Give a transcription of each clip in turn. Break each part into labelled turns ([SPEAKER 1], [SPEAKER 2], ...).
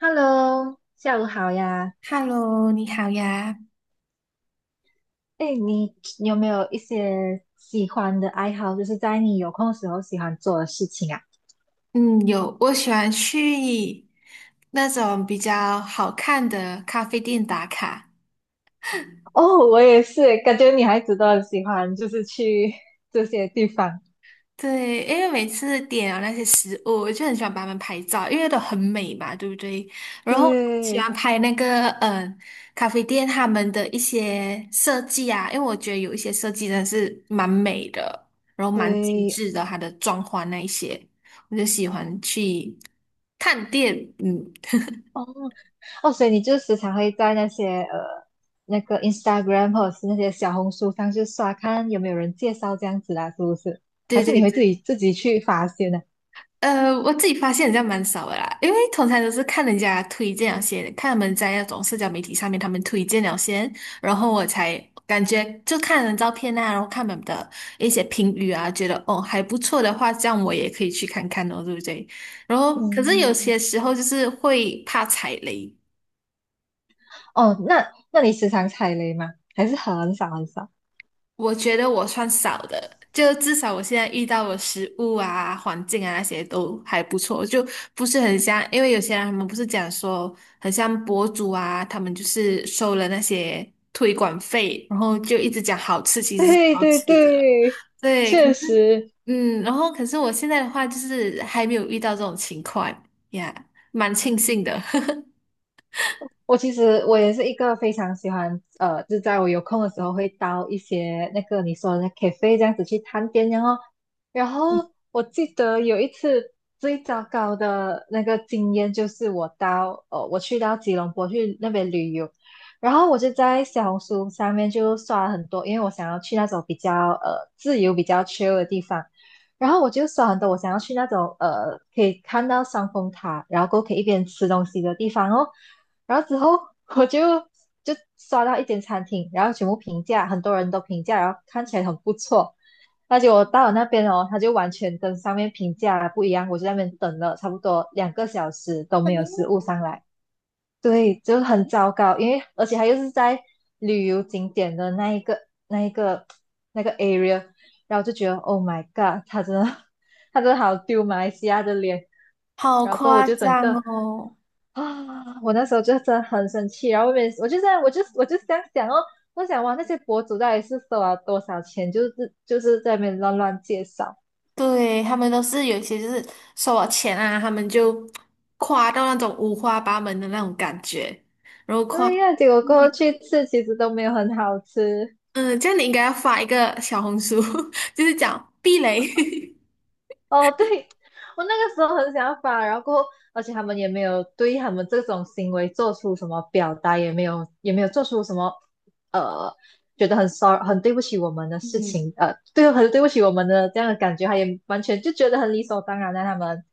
[SPEAKER 1] Hello，下午好呀。
[SPEAKER 2] Hello，你好呀。
[SPEAKER 1] 哎，你有没有一些喜欢的爱好，就是在你有空的时候喜欢做的事情啊？
[SPEAKER 2] 嗯，有，我喜欢去那种比较好看的咖啡店打卡。
[SPEAKER 1] 哦，我也是，感觉女孩子都很喜欢，就是去 这些地方。
[SPEAKER 2] 对，因为每次点了那些食物，我就很喜欢把他们拍照，因为都很美嘛，对不对？然后喜欢
[SPEAKER 1] 对
[SPEAKER 2] 拍那个咖啡店他们的一些设计啊，因为我觉得有一些设计真的是蛮美的，然后蛮精
[SPEAKER 1] 对，
[SPEAKER 2] 致的，它的装潢那一些，我就喜欢去探店。嗯，
[SPEAKER 1] 哦，所以你就时常会在那些那个 Instagram 或者是那些小红书上去刷，看有没有人介绍这样子啦，是不是？还
[SPEAKER 2] 对
[SPEAKER 1] 是
[SPEAKER 2] 对
[SPEAKER 1] 你会自
[SPEAKER 2] 对。
[SPEAKER 1] 己自己去发现呢？
[SPEAKER 2] 呃，我自己发现人家蛮少的啦，因为通常都是看人家推荐了些，看他们在那种社交媒体上面他们推荐了先，然后我才感觉就看人照片啊，然后看他们的一些评语啊，觉得哦还不错的话，这样我也可以去看看哦，对不对？然后可是有
[SPEAKER 1] 嗯，
[SPEAKER 2] 些时候就是会怕踩雷，
[SPEAKER 1] 哦，那你时常踩雷吗？还是很少很少？
[SPEAKER 2] 我觉得我算少的，就至少我现在遇到的食物啊、环境啊那些都还不错，就不是很像，因为有些人他们不是讲说很像博主啊，他们就是收了那些推广费，然后就一直讲好吃，其实是
[SPEAKER 1] 对
[SPEAKER 2] 不好
[SPEAKER 1] 对
[SPEAKER 2] 吃的。
[SPEAKER 1] 对，
[SPEAKER 2] 对，可
[SPEAKER 1] 确
[SPEAKER 2] 是
[SPEAKER 1] 实
[SPEAKER 2] 然后可是我现在的话就是还没有遇到这种情况呀，蛮庆幸的。
[SPEAKER 1] 我其实我也是一个非常喜欢，就在我有空的时候会到一些那个你说的那 cafe 这样子去探店，然后我记得有一次最糟糕的那个经验就是我去到吉隆坡去那边旅游，然后我就在小红书上面就刷了很多，因为我想要去那种比较自由、比较 chill 的地方。然后我就刷很多，我想要去那种可以看到双峰塔，然后过后可以一边吃东西的地方哦。然后之后我就刷到一间餐厅，然后全部评价，很多人都评价，然后看起来很不错。那结果我到了那边哦，他就完全跟上面评价不一样，我就在那边等了差不多2个小时都没有食物上来，对，就很糟糕。因为而且他又是在旅游景点的那一个那个 area，然后就觉得 Oh my God，他真的 他真的好丢马来西亚的脸。
[SPEAKER 2] 好
[SPEAKER 1] 然后过后我
[SPEAKER 2] 夸
[SPEAKER 1] 就整
[SPEAKER 2] 张
[SPEAKER 1] 个
[SPEAKER 2] 哦！
[SPEAKER 1] 啊，我那时候就真的很生气，然后我也我就在我就我就这想想哦，我想哇，那些博主到底是收了多少钱，就是在那边乱乱介绍，
[SPEAKER 2] 对，他们都是有一些就是收了钱啊，他们就夸到那种五花八门的那种感觉，然后夸，
[SPEAKER 1] 对呀，结果过后去吃其实都没有很好吃，
[SPEAKER 2] 嗯，这样你应该要发一个小红书，就是讲避雷。
[SPEAKER 1] 哦，对，我那个时候很想法，然后过后，而且他们也没有对他们这种行为做出什么表达，也没有做出什么呃，觉得很 sorry 很对不起我们的事
[SPEAKER 2] 嗯，
[SPEAKER 1] 情，对，很对不起我们的这样的感觉，他也完全就觉得很理所当然的他们，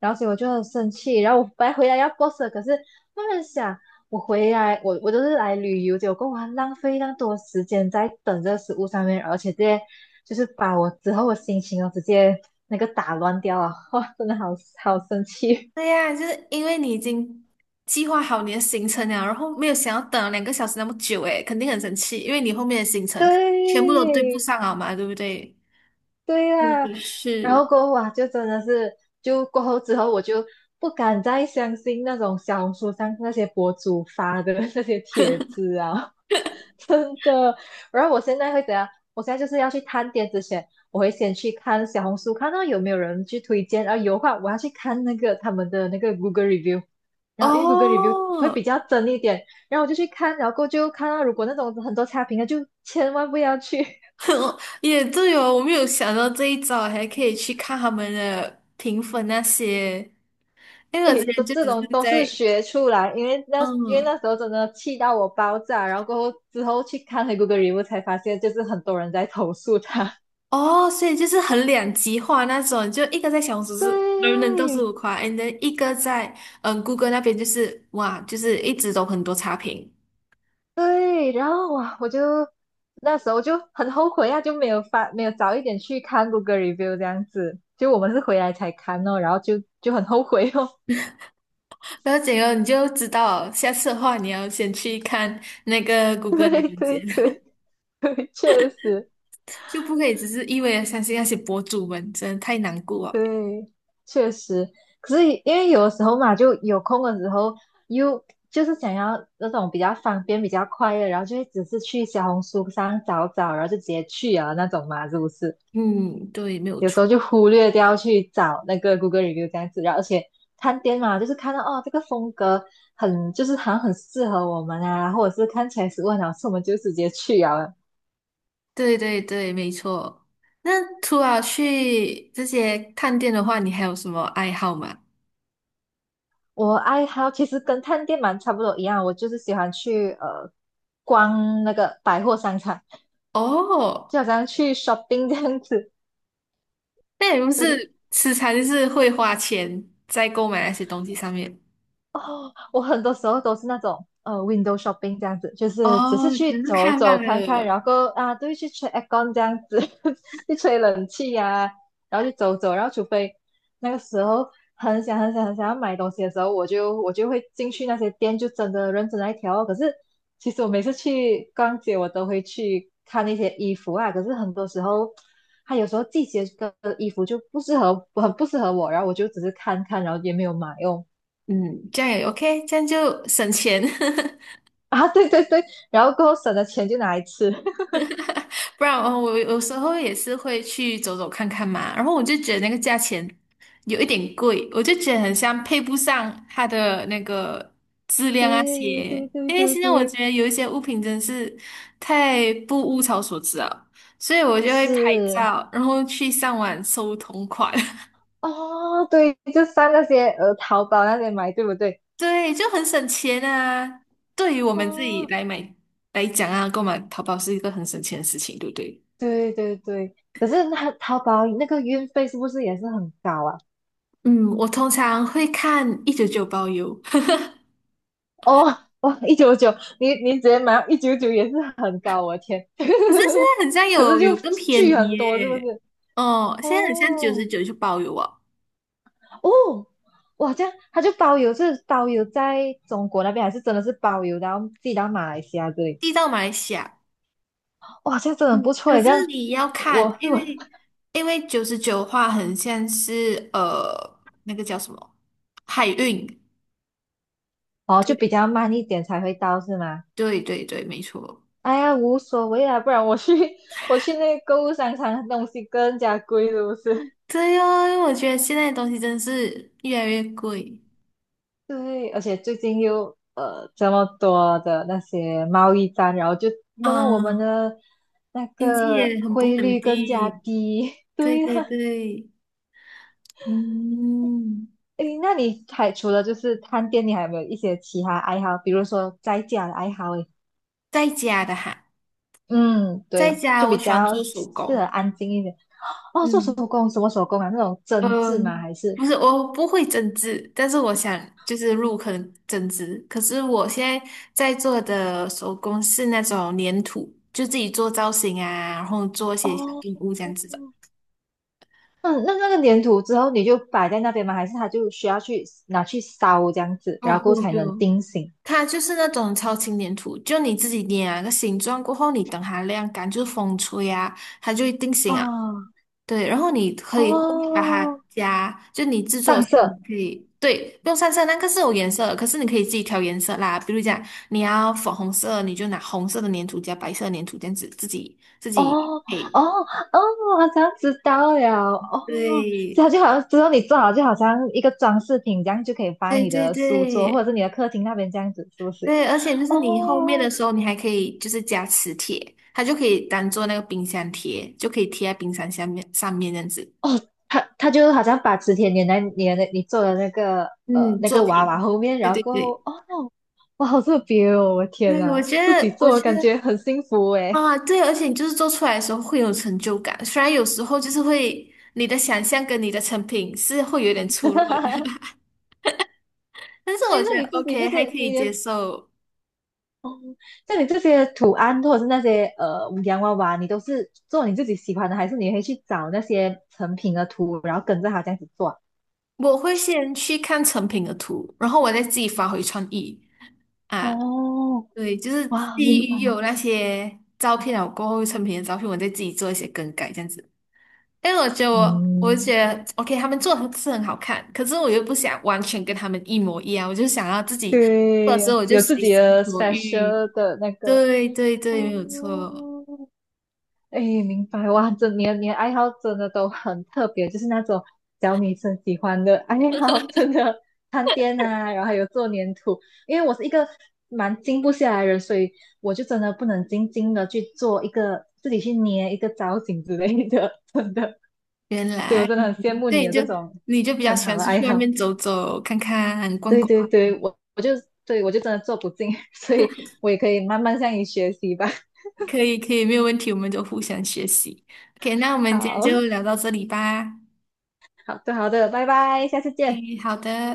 [SPEAKER 1] 然后所以我就很生气，然后我本来回来要 boss 的，可是他们想。我回来，我都是来旅游，结果我还浪费那么多时间在等这个食物上面，而且这些就是把我之后的心情哦直接那个打乱掉啊！哇，真的好好生气。
[SPEAKER 2] 对呀，就是因为你已经计划好你的行程了，然后没有想要等了2个小时那么久，诶，肯定很生气，因为你后面的行 程全部都对不
[SPEAKER 1] 对
[SPEAKER 2] 上啊嘛，对不对？
[SPEAKER 1] 对
[SPEAKER 2] 嗯，
[SPEAKER 1] 啊，然后
[SPEAKER 2] 是
[SPEAKER 1] 过后啊，就真的是就过后之后我就不敢再相信那种小红书上那些博主发的那些帖子啊，真的。然后我现在会怎样？我现在就是要去探店之前，我会先去看小红书，看到有没有人去推荐，然后有的话我要去看那个他们的那个 Google review，然后因为 Google review 会
[SPEAKER 2] 哦，
[SPEAKER 1] 比较真一点，然后我就去看，然后过后就看到如果那种很多差评的，就千万不要去。
[SPEAKER 2] 也对哦，我没有想到这一招，还可以去看他们的评分那些，因为我之
[SPEAKER 1] 诶，都
[SPEAKER 2] 前就
[SPEAKER 1] 这
[SPEAKER 2] 只是
[SPEAKER 1] 种都是
[SPEAKER 2] 在，
[SPEAKER 1] 学出来，因为
[SPEAKER 2] 嗯，
[SPEAKER 1] 那时候真的气到我爆炸，然后过后之后去看回 Google review 才发现，就是很多人在投诉他。
[SPEAKER 2] 哦，所以就是很两极化那种，就一个在小红书 是人人都是
[SPEAKER 1] 对，
[SPEAKER 2] 五夸，and then 一个在嗯谷歌那边就是哇，就是一直都很多差评，
[SPEAKER 1] 对，然后哇，我就那时候就很后悔啊，就没有发，没有早一点去看 Google review 这样子，就我们是回来才看哦，然后就很后悔哦。
[SPEAKER 2] 然后整个你就知道，下次的话你要先去看那个 谷歌那
[SPEAKER 1] 对
[SPEAKER 2] 边
[SPEAKER 1] 对
[SPEAKER 2] 先，
[SPEAKER 1] 对对，确实，
[SPEAKER 2] 就不可以只是一味的相信那些博主们，真的太难过了。
[SPEAKER 1] 对，确实。可是因为有的时候嘛，就有空的时候又就是想要那种比较方便、比较快的，然后就会只是去小红书上找找，然后就直接去啊那种嘛，是不是？
[SPEAKER 2] 嗯，对，没有
[SPEAKER 1] 有
[SPEAKER 2] 错。
[SPEAKER 1] 时候就忽略掉去找那个 Google review 这样子，然后而且探店嘛，就是看到哦这个风格很就是好像很适合我们啊，或者是看起来食物很好吃，我们就直接去啊。
[SPEAKER 2] 对对对，没错。那除了去这些探店的话，你还有什么爱好吗？
[SPEAKER 1] 我爱好其实跟探店蛮差不多一样，我就是喜欢去逛那个百货商场，
[SPEAKER 2] 哦，
[SPEAKER 1] 就好像去 shopping 这样子，
[SPEAKER 2] 那也不是吃餐，就是会花钱在购买那些东西上面。
[SPEAKER 1] 我很多时候都是那种window shopping 这样子，就是只是
[SPEAKER 2] 哦，
[SPEAKER 1] 去
[SPEAKER 2] 只是
[SPEAKER 1] 走
[SPEAKER 2] 看罢
[SPEAKER 1] 走看看，
[SPEAKER 2] 了。
[SPEAKER 1] 然后啊，都会去吹 aircon 这样子，去吹冷气呀、然后去走走，然后除非那个时候很想很想很想要买东西的时候，我就会进去那些店，就真的认真来挑哦。可是其实我每次去逛街，我都会去看那些衣服啊，可是很多时候。它有时候季节的衣服就不适合，很不适合我，然后我就只是看看，然后也没有买哦。
[SPEAKER 2] 嗯，这样也 OK，这样就省钱。
[SPEAKER 1] 啊，对对对，然后过后省的钱就拿来吃，
[SPEAKER 2] 不然哦，我有时候也是会去走走看看嘛，然后我就觉得那个价钱有一点贵，我就觉得很像配不上它的那个质量啊
[SPEAKER 1] 对
[SPEAKER 2] 些，
[SPEAKER 1] 对对
[SPEAKER 2] 因为
[SPEAKER 1] 对
[SPEAKER 2] 现在我
[SPEAKER 1] 对，
[SPEAKER 2] 觉得有一些物品真是太不物超所值了，所以我就会拍
[SPEAKER 1] 是
[SPEAKER 2] 照，然后去上网搜同款，
[SPEAKER 1] 哦，对，就上那些淘宝那些买，对不对？
[SPEAKER 2] 对，就很省钱啊。对于我们自己
[SPEAKER 1] 哦，
[SPEAKER 2] 来买来讲啊，购买淘宝是一个很省钱的事情，对不对？
[SPEAKER 1] 对对对，可是那淘宝那个运费是不是也是很高啊？
[SPEAKER 2] 嗯，我通常会看199包邮，
[SPEAKER 1] 哦，哦，一九九，你直接买一九九也是很高，我的天，
[SPEAKER 2] 可是现在很像
[SPEAKER 1] 可是
[SPEAKER 2] 有
[SPEAKER 1] 就
[SPEAKER 2] 更便
[SPEAKER 1] 巨
[SPEAKER 2] 宜
[SPEAKER 1] 很多，是不
[SPEAKER 2] 耶，
[SPEAKER 1] 是？
[SPEAKER 2] 哦，现在很像九十
[SPEAKER 1] 哦，
[SPEAKER 2] 九就包邮哦，
[SPEAKER 1] 哦，哇，这样他就包邮，是包邮在中国那边，还是真的是包邮，然后寄到马来西亚这里？
[SPEAKER 2] 寄到马来西亚。
[SPEAKER 1] 哇，这样真的
[SPEAKER 2] 嗯，
[SPEAKER 1] 很不错
[SPEAKER 2] 可
[SPEAKER 1] 耶，这
[SPEAKER 2] 是
[SPEAKER 1] 样
[SPEAKER 2] 你要
[SPEAKER 1] 我
[SPEAKER 2] 看，因为
[SPEAKER 1] 我
[SPEAKER 2] 因为九十九的话，很像是呃那个叫什么海运，
[SPEAKER 1] 哦就比
[SPEAKER 2] 对
[SPEAKER 1] 较慢一点才会到是吗？
[SPEAKER 2] 对对对，没错。
[SPEAKER 1] 哎呀，无所谓啦，不然我去 我去那个购物商场，东西更加贵，是不是？
[SPEAKER 2] 对哦，因为我觉得现在的东西真是越来越贵
[SPEAKER 1] 对，而且最近又这么多的那些贸易战，然后就弄得我们
[SPEAKER 2] 啊，
[SPEAKER 1] 的那
[SPEAKER 2] 经济
[SPEAKER 1] 个
[SPEAKER 2] 也很不
[SPEAKER 1] 汇
[SPEAKER 2] 稳
[SPEAKER 1] 率更加
[SPEAKER 2] 定。
[SPEAKER 1] 低。
[SPEAKER 2] 对
[SPEAKER 1] 对呀、
[SPEAKER 2] 对对，嗯，
[SPEAKER 1] 诶，那你还除了就是探店，你还有没有一些其他爱好？比如说在家的爱好？诶，
[SPEAKER 2] 在家的哈，
[SPEAKER 1] 嗯，
[SPEAKER 2] 在
[SPEAKER 1] 对，
[SPEAKER 2] 家
[SPEAKER 1] 就
[SPEAKER 2] 我
[SPEAKER 1] 比
[SPEAKER 2] 喜欢
[SPEAKER 1] 较
[SPEAKER 2] 做手
[SPEAKER 1] 适合
[SPEAKER 2] 工。
[SPEAKER 1] 安静一点。哦，做手
[SPEAKER 2] 嗯
[SPEAKER 1] 工，什么手工啊？那种针
[SPEAKER 2] 呃，
[SPEAKER 1] 织吗？还是？
[SPEAKER 2] 不是，我不会针织，但是我想就是入坑针织。可是我现在在做的手工是那种粘土，就自己做造型啊，然后做一些小
[SPEAKER 1] 哦，
[SPEAKER 2] 动物这样子的。
[SPEAKER 1] 嗯，那那个粘土之后你就摆在那边吗？还是它就需要去拿去烧这样子，
[SPEAKER 2] 哦，
[SPEAKER 1] 然
[SPEAKER 2] 不
[SPEAKER 1] 后
[SPEAKER 2] 用不
[SPEAKER 1] 才能
[SPEAKER 2] 用，
[SPEAKER 1] 定型？
[SPEAKER 2] 它就是那种超轻粘土，就你自己捏啊个形状过后，你等它晾干，就是风吹啊，它就会定型啊。
[SPEAKER 1] 啊，
[SPEAKER 2] 对，然后你可以后面把
[SPEAKER 1] 哦，
[SPEAKER 2] 它加，就你制作的
[SPEAKER 1] 上
[SPEAKER 2] 时候你
[SPEAKER 1] 色。
[SPEAKER 2] 可以，对，不用上色，那个是有颜色的，可是你可以自己调颜色啦。比如讲你要粉红色，你就拿红色的粘土加白色的粘土这样子自己自
[SPEAKER 1] 哦
[SPEAKER 2] 己配。
[SPEAKER 1] 哦哦，我好像知道了哦，这
[SPEAKER 2] 对，
[SPEAKER 1] 样就好像之后你做好就好像一个装饰品，这样就可以放在
[SPEAKER 2] 对
[SPEAKER 1] 你
[SPEAKER 2] 对
[SPEAKER 1] 的书桌或
[SPEAKER 2] 对
[SPEAKER 1] 者是你的客厅那边这样子，是不是？
[SPEAKER 2] 对，而且就是你后面
[SPEAKER 1] 哦
[SPEAKER 2] 的时候，你还可以就是加磁铁，它就可以当做那个冰箱贴，就可以贴在冰箱下面上面这样子。
[SPEAKER 1] 哦，他就好像把磁铁粘在你做的那个
[SPEAKER 2] 嗯，
[SPEAKER 1] 那
[SPEAKER 2] 作
[SPEAKER 1] 个娃娃
[SPEAKER 2] 品，
[SPEAKER 1] 后面，
[SPEAKER 2] 对
[SPEAKER 1] 然
[SPEAKER 2] 对
[SPEAKER 1] 后过后
[SPEAKER 2] 对。
[SPEAKER 1] 哦，哇，好特别哦，我天
[SPEAKER 2] 对，我
[SPEAKER 1] 呐，
[SPEAKER 2] 觉
[SPEAKER 1] 自己
[SPEAKER 2] 得，我
[SPEAKER 1] 做
[SPEAKER 2] 觉
[SPEAKER 1] 感
[SPEAKER 2] 得
[SPEAKER 1] 觉很幸福诶。
[SPEAKER 2] 啊，对，而且你就是做出来的时候会有成就感，虽然有时候就是会你的想象跟你的成品是会有点出入的，但是
[SPEAKER 1] 哎，
[SPEAKER 2] 我觉
[SPEAKER 1] 那
[SPEAKER 2] 得
[SPEAKER 1] 你这
[SPEAKER 2] OK 还
[SPEAKER 1] 些
[SPEAKER 2] 可以
[SPEAKER 1] 你
[SPEAKER 2] 接
[SPEAKER 1] 的
[SPEAKER 2] 受。
[SPEAKER 1] 哦，像你这些图案或者是那些洋娃娃，你都是做你自己喜欢的，还是你可以去找那些成品的图，然后跟着它这样子做？
[SPEAKER 2] 我会先去看成品的图，然后我再自己发挥创意啊。
[SPEAKER 1] 哦，
[SPEAKER 2] 对，就是
[SPEAKER 1] 哇，明
[SPEAKER 2] 基
[SPEAKER 1] 白。
[SPEAKER 2] 于有那些照片了过后，成品的照片，我再自己做一些更改，这样子。因为我觉得我，我
[SPEAKER 1] 嗯，
[SPEAKER 2] 觉得 OK，他们做的是很好看，可是我又不想完全跟他们一模一样，我就想要自己做的时
[SPEAKER 1] 对，
[SPEAKER 2] 候我就
[SPEAKER 1] 有自
[SPEAKER 2] 随
[SPEAKER 1] 己
[SPEAKER 2] 心
[SPEAKER 1] 的
[SPEAKER 2] 所欲。
[SPEAKER 1] special 的那个。
[SPEAKER 2] 对对
[SPEAKER 1] 哦，
[SPEAKER 2] 对，没有错。
[SPEAKER 1] 哎，明白哇！这你的爱好真的都很特别，就是那种小女生喜欢的爱好，真的探店啊，然后还有做粘土。因为我是一个蛮静不下来的人，所以我就真的不能静静的去做一个自己去捏一个造型之类的，真的。
[SPEAKER 2] 原
[SPEAKER 1] 所以我
[SPEAKER 2] 来，
[SPEAKER 1] 真的很羡慕你
[SPEAKER 2] 对，你
[SPEAKER 1] 有
[SPEAKER 2] 就
[SPEAKER 1] 这种
[SPEAKER 2] 你就比较
[SPEAKER 1] 很
[SPEAKER 2] 喜
[SPEAKER 1] 好
[SPEAKER 2] 欢
[SPEAKER 1] 的
[SPEAKER 2] 出
[SPEAKER 1] 爱
[SPEAKER 2] 去外
[SPEAKER 1] 好。
[SPEAKER 2] 面走走、看看、逛
[SPEAKER 1] 对
[SPEAKER 2] 逛，
[SPEAKER 1] 对对，我就真的做不进，所以我也可以慢慢向你学习吧。
[SPEAKER 2] 可以可以，没有问题，我们就互相学习。OK，那我
[SPEAKER 1] 好
[SPEAKER 2] 们今天就聊到这里吧。
[SPEAKER 1] 好的好的，拜拜，下次见。
[SPEAKER 2] o 好的。